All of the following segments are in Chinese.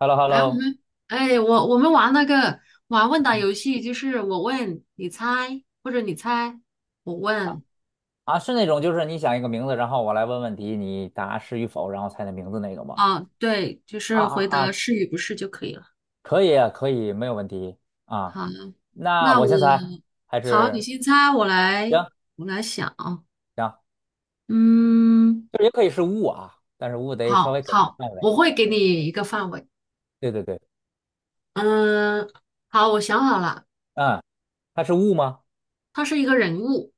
h e l l o h e l l 哎，o 我们哎，我们玩那个玩问答游戏，就是我问你猜，或者你猜我问。啊，是那种就是你想一个名字，然后我来问问题，你答是与否，然后猜那名字那个吗？啊，对，就啊是啊回答啊，是与不是就可以了。可以啊可以，没有问题啊。好，那那我我先猜，还好，你是先猜，我来行我来想啊，行，嗯，就是也可以是物啊，但是物得稍好微给一个好，范围。我会给你一个范围，对对对，嗯，好，我想好了，嗯，他是物吗？他是一个人物。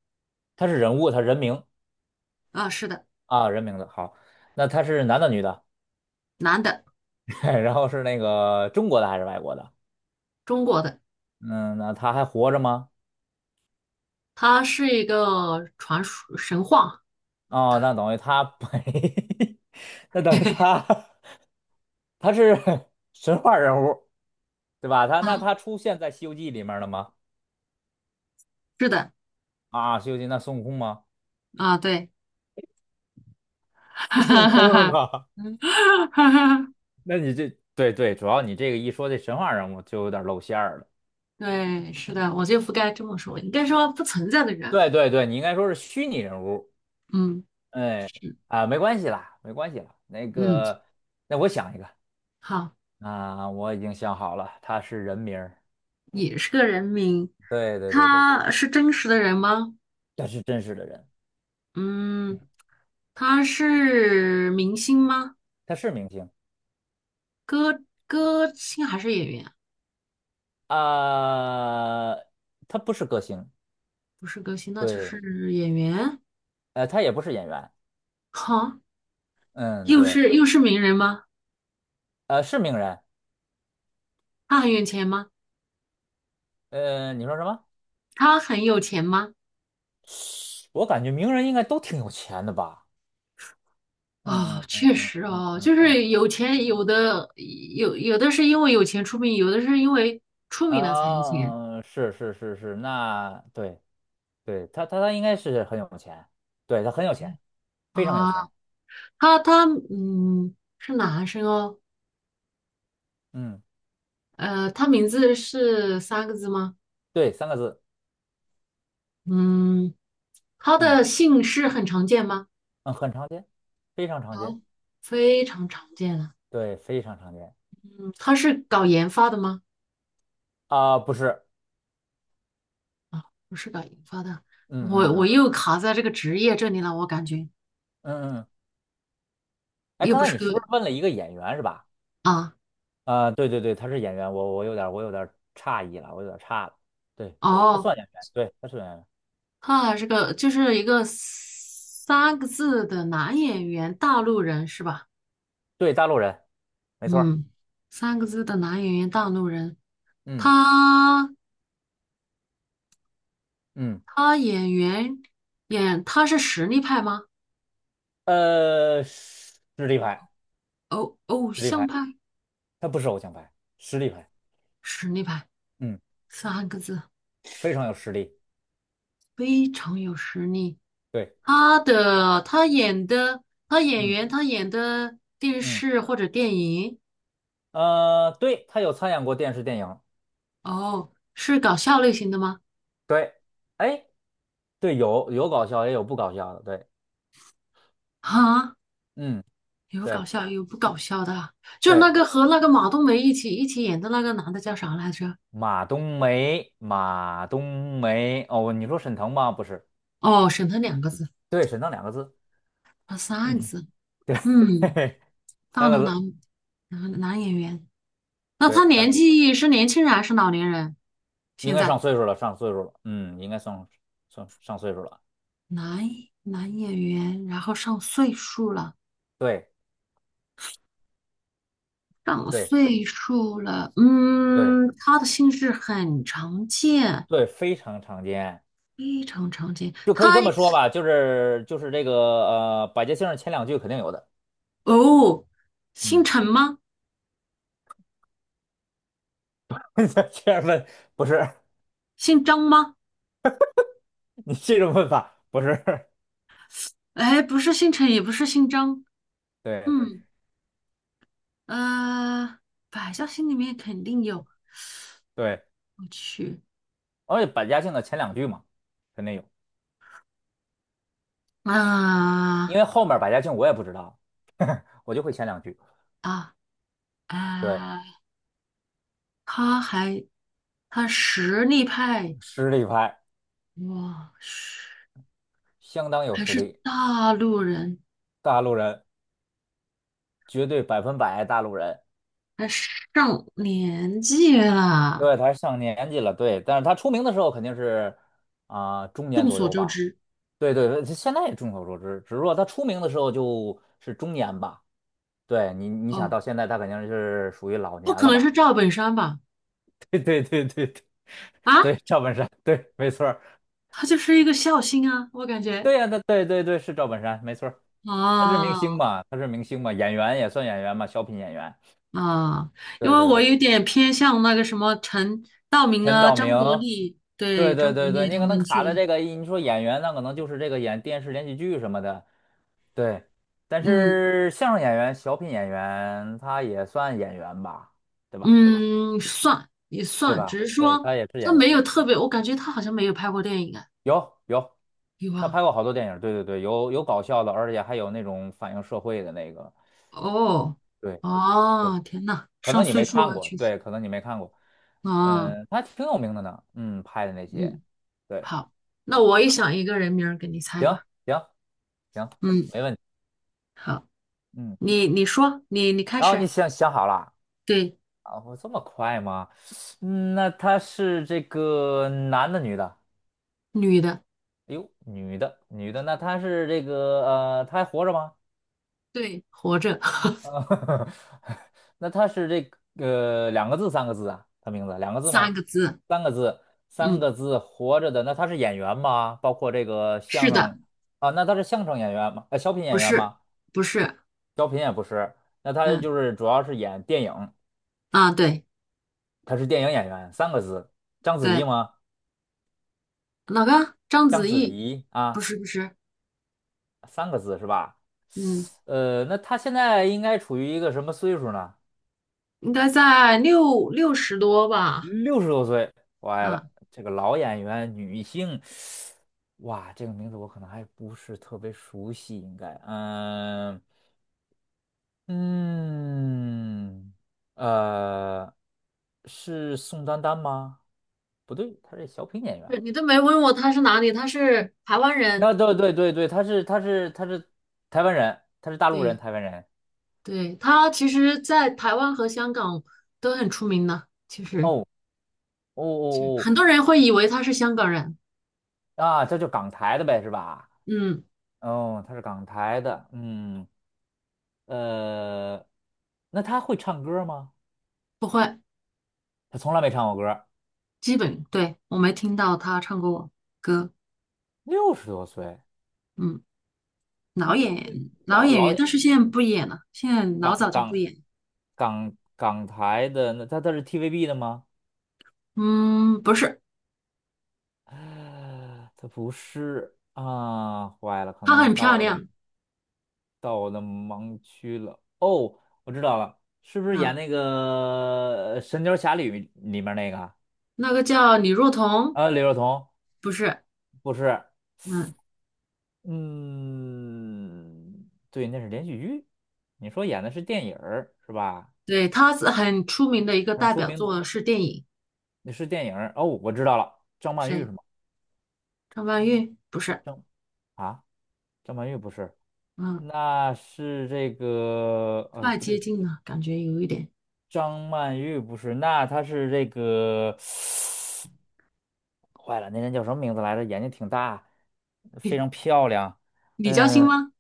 他是人物，他人名啊，是的，啊，人名的好。那他是男的女的？男的，然后是那个中国的还是外国的？中国的，嗯，那他还活着吗？他是一个传说神话。 哦，那等于他没，那等于他 他是 神话人物，对 吧？他那啊，他出现在《西游记》里面了吗？是的。啊，《西游记》那孙悟空吗？啊，对。哈孙悟哈哈空是哈。吗？嗯，哈哈，那你这对对，主要你这个一说这神话人物就有点露馅儿了。对，是的，我就不该这么说，应该说不存在的人。对对对，你应该说是虚拟人物。嗯，哎是，啊，没关系啦，没关系啦。那嗯，个，那我想一个好，啊，我已经想好了，他是人名儿。也是个人名，对对对对，他是真实的人吗？他是真实的人，嗯，他是明星吗？他是明星。歌歌星还是演员啊？呃，他不是歌星，不是歌星，那就对，是演员。他也不是演员，好，嗯，又对，是又是名人吗？是名人，他很有钱吗？你说什么？他很有钱吗？我感觉名人应该都挺有钱的吧？嗯哦，嗯嗯确嗯实嗯哦，就嗯嗯，是有钱，有的有的是因为有钱出名，有的是因为出名了才有钱。啊，是是是是，那对对，他应该是很有钱，对，他很有钱，非常有啊。钱，他嗯是男生哦，嗯，呃，他名字是三个字吗？对，三个字，嗯，他嗯的姓氏很常见吗？嗯，很常见，非常常见，哦，非常常见了。对，非常常见，嗯，他是搞研发的吗？啊，不是，不是搞研发的，嗯我嗯我嗯又卡在这个职业这里了，我感觉嗯嗯，哎，又刚不才是你个。是不是问了一个演员是吧？啊，啊、对对对，他是演员，我有点诧异了，我有点差了。对，他哦。算演员，对，他是演员，啊，是个就是一个三个字的男演员，大陆人是吧？对，大陆人，没错儿。嗯，三个字的男演员，大陆人。嗯他嗯，他演员演他是实力派吗？实力派，偶偶实力像派，派，他不是偶像派，实力派，实力派，嗯，三个字，非常有实力。非常有实力。对，他的他演的他演嗯员他演的电嗯，视或者电影，呃，对，他有参演过电视电影，哦，是搞笑类型的吗？对，哎，对，有搞笑也有不搞笑的，对，啊？嗯，有搞对笑有不搞笑的，就是那对，个和那个马冬梅一起演的那个男的叫啥来着？马冬梅，马冬梅，哦，你说沈腾吗？不是，哦，沈腾2个字，对，沈腾两个字。啊，三个字，对，嘿嗯，嘿，大三个陆字，男男演员，那他对，三年个字，纪是年轻人还是老年人？应现该在上岁数了，上岁数了，嗯，应该上岁数了，男男演员，然后上岁数了，对上对岁数了，对嗯，他的姓氏很常见，对，非常常见，非常常见，就可以他这么说吧，就是这个百家姓儿前两句肯定有的，哦，姓嗯，陈吗？这样问不是 姓张吗？你这种问法不是，哎，不是姓陈，也不是姓张，对嗯，呃，百家姓里面肯定有，对，我去，而且百家姓的前两句嘛，肯定有，因啊为后面百家姓我也不知道，我就会前两句，啊，对，啊！他还他实力派，实力派，哇，是相当有还实是力，大陆人，大陆人。绝对百分百大陆人。还上年纪了。对，他上年纪了，对，但是他出名的时候肯定是啊、中年众左所右周吧。知，对对，现在也众所周知，只是说他出名的时候就是中年吧。对，你想哦，到现在他肯定是属于老不年可了能吧？是赵本山吧？对对对对对，对啊，赵本山，对，没错儿，他就是一个孝心啊，我感觉对呀、他对对对是赵本山，没错儿，他是明啊。星哦嘛，他是明星嘛，演员也算演员嘛，小品演员。啊，因对为对我对，有点偏向那个什么陈道明陈啊、道张明，国立，对对，对张国对对，立你他可能们去卡在了，这个，你说演员那可能就是这个演电视连续剧什么的，对。但嗯是相声演员、小品演员，他也算演员吧，对吧？嗯，算也对算，吧？只是对，说他也是他演员，没有特别，我感觉他好像没有拍过电影啊，有有，有他啊，拍过好多电影，对对对，有搞笑的，而且还有那种反映社会的那个，哦对对，哦，天呐，可上能你岁没数看了，过，确实对，可能你没看过，啊，嗯，他挺有名的呢，嗯，拍的那些，嗯，对好，那啊，我也想一个人名儿给你猜行吧，行行，嗯，没问题，好，嗯，你说，你开然后始，你想想好了。对，哦，这么快吗？嗯，那他是这个男的，女的？女的，哎呦，女的，女的，那他是这个他还活着吗？对，活着，呃，那他是这个、两个字，三个字啊？他名字两个字三吗？个字，三个字，三嗯，个字，活着的。那他是演员吗？包括这个是相的。声啊？那他是相声演员吗？小品不演员是，吗？不是，小品也不是，那他嗯，就是主要是演电影，啊，对他是电影演员，三个字，章子怡对，吗？哪个？章章子子怡？怡不啊。是不是，三个字是吧？嗯，那他现在应该处于一个什么岁数呢？应该在六十多吧？六十多岁，歪啊，了，这个老演员，女性，哇，这个名字我可能还不是特别熟悉，应该，嗯嗯，呃，是宋丹丹吗？不对，她是小品演是员。你都没问我他是哪里，他是台湾那人。对对对对，她是台湾人，她是大陆人，对台湾人。对，他其实，在台湾和香港都很出名的，其实哦哦就哦很多人会以为他是香港人。哦，啊，这就港台的呗，是吧？嗯，哦，他是港台的，嗯，呃，那他会唱歌吗？不会，他从来没唱过歌，基本对我没听到他唱过歌。六十多岁，嗯，老六六演老老演老员，但演是现在不演了，现在老港早就不港演。港台的，那他是 TVB 的吗？嗯，不是，啊他不是啊，坏了，可她能很漂亮。到我的盲区了。哦，我知道了，是不是演啊。那个神雕侠侣》里面那个啊？那个叫李若彤，啊，李若彤不是，不是。嗯，嗯，对，那是连续剧。你说演的是电影儿是吧？对，她是很出名的一个很代出表名的，作是电影，那是电影儿哦，我知道了，张曼玉是谁？吗？张曼玉？不是，张啊，张曼玉不是，嗯，那是这个，太不接对，近了，感觉有一点。张曼玉不是，那她是这个，坏了，那人叫什么名字来着？眼睛挺大，非常漂亮。李嘉欣嗯，吗？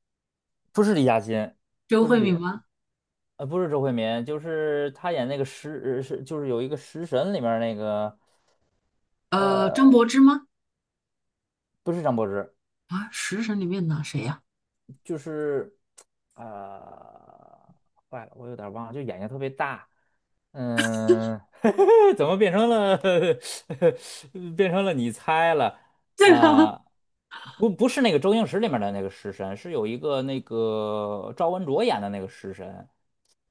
不是李嘉欣，周不慧是李。敏吗？不是周慧敏，就是她演那个食是就是有一个食神里面儿那个，呃，呃，张柏芝吗？不是张柏芝，啊，食神里面的谁呀、就是呃，坏了，我有点儿忘了，就眼睛特别大，嗯，怎么变成了 变成了你猜了 对啊，啊？不是那个周星驰里面的那个食神，是有一个那个赵文卓演的那个食神。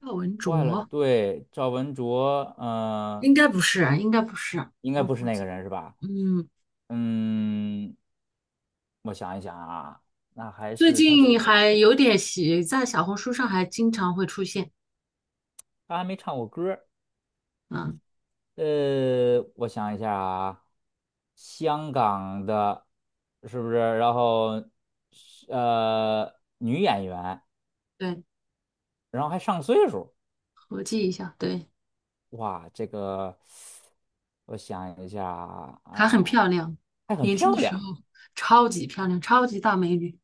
赵文坏了，卓？对，赵文卓，嗯、应该不是啊，应该不是，应该我不是估那个计，人是吧？嗯，嗯，我想一想啊，那还最是他近从还有点喜，在小红书上还经常会出现，他还没唱过歌儿。嗯，我想一下啊，香港的，是不是？然后是女演员，对。然后还上岁数，合计一下，对，哇，这个我想一下啊，还很啊，漂亮，还很年轻漂的时亮。候超级漂亮，超级大美女，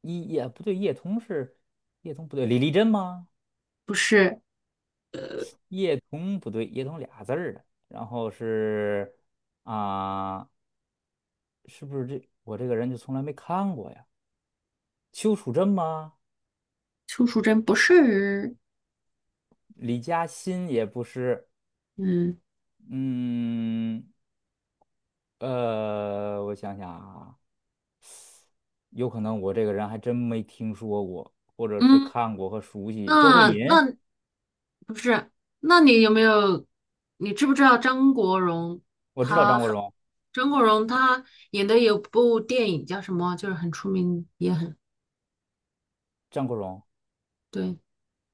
也不对，叶童不对，李丽珍吗？不是叶童不对，叶童俩字儿的。然后是啊。是不是我这个人就从来没看过呀？邱楚真吗？邱淑贞，不是，李嘉欣也不是，嗯嗯，我想想啊，有可能我这个人还真没听说过，或者是嗯，看过和熟悉。周慧那敏，那不是，那你有没有，你知不知道张国荣我知道张他，国荣，张国荣他演的有部电影叫什么，就是很出名，也很张国荣，对，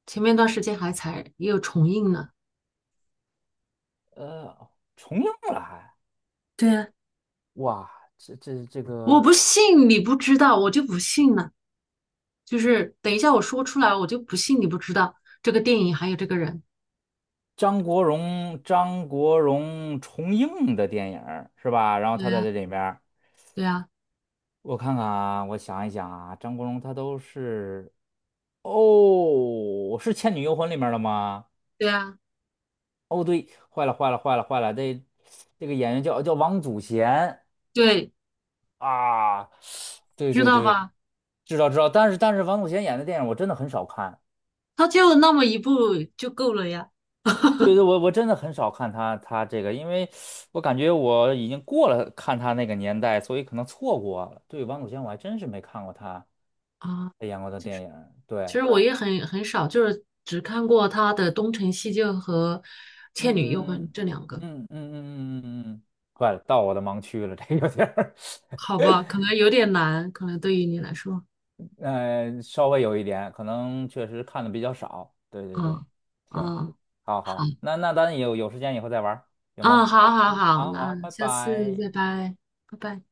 前面段时间还才又重映呢。呃，重映了还，对啊，哇，这这这我个不信你不知道，我就不信了。就是等一下我说出来，我就不信你不知道这个电影还有这个人。张国荣，张国荣重映的电影儿是吧？然后对他在呀，这里边儿。对呀，我看看啊，我想一想啊，张国荣他都是哦，是《倩女幽魂》里面的吗？对呀，哦，对，坏了，坏了，坏了，坏了，这个演员叫王祖贤对，啊，对知对道对，吧？知道知道，但是王祖贤演的电影我真的很少看，他就那么一部就够了呀。对对，我真的很少看他这个，因为我感觉我已经过了看他那个年代，所以可能错过了。对，王祖贤我还真是没看过他啊，他演过的电影，其对，实我也很很少，就是只看过他的《东成西就》和《倩女幽嗯魂》这两嗯个。嗯嗯嗯嗯嗯嗯嗯嗯，坏了，到我的盲区了，这有点儿。好吧，可能有点难，可能对于你来说，嗯、稍微有一点，可能确实看的比较少。对对对，嗯行，嗯，好好，好，那咱有时间以后再玩儿行嗯，吗？好，好，嗯，好，好那好，拜下次拜。再拜，拜拜。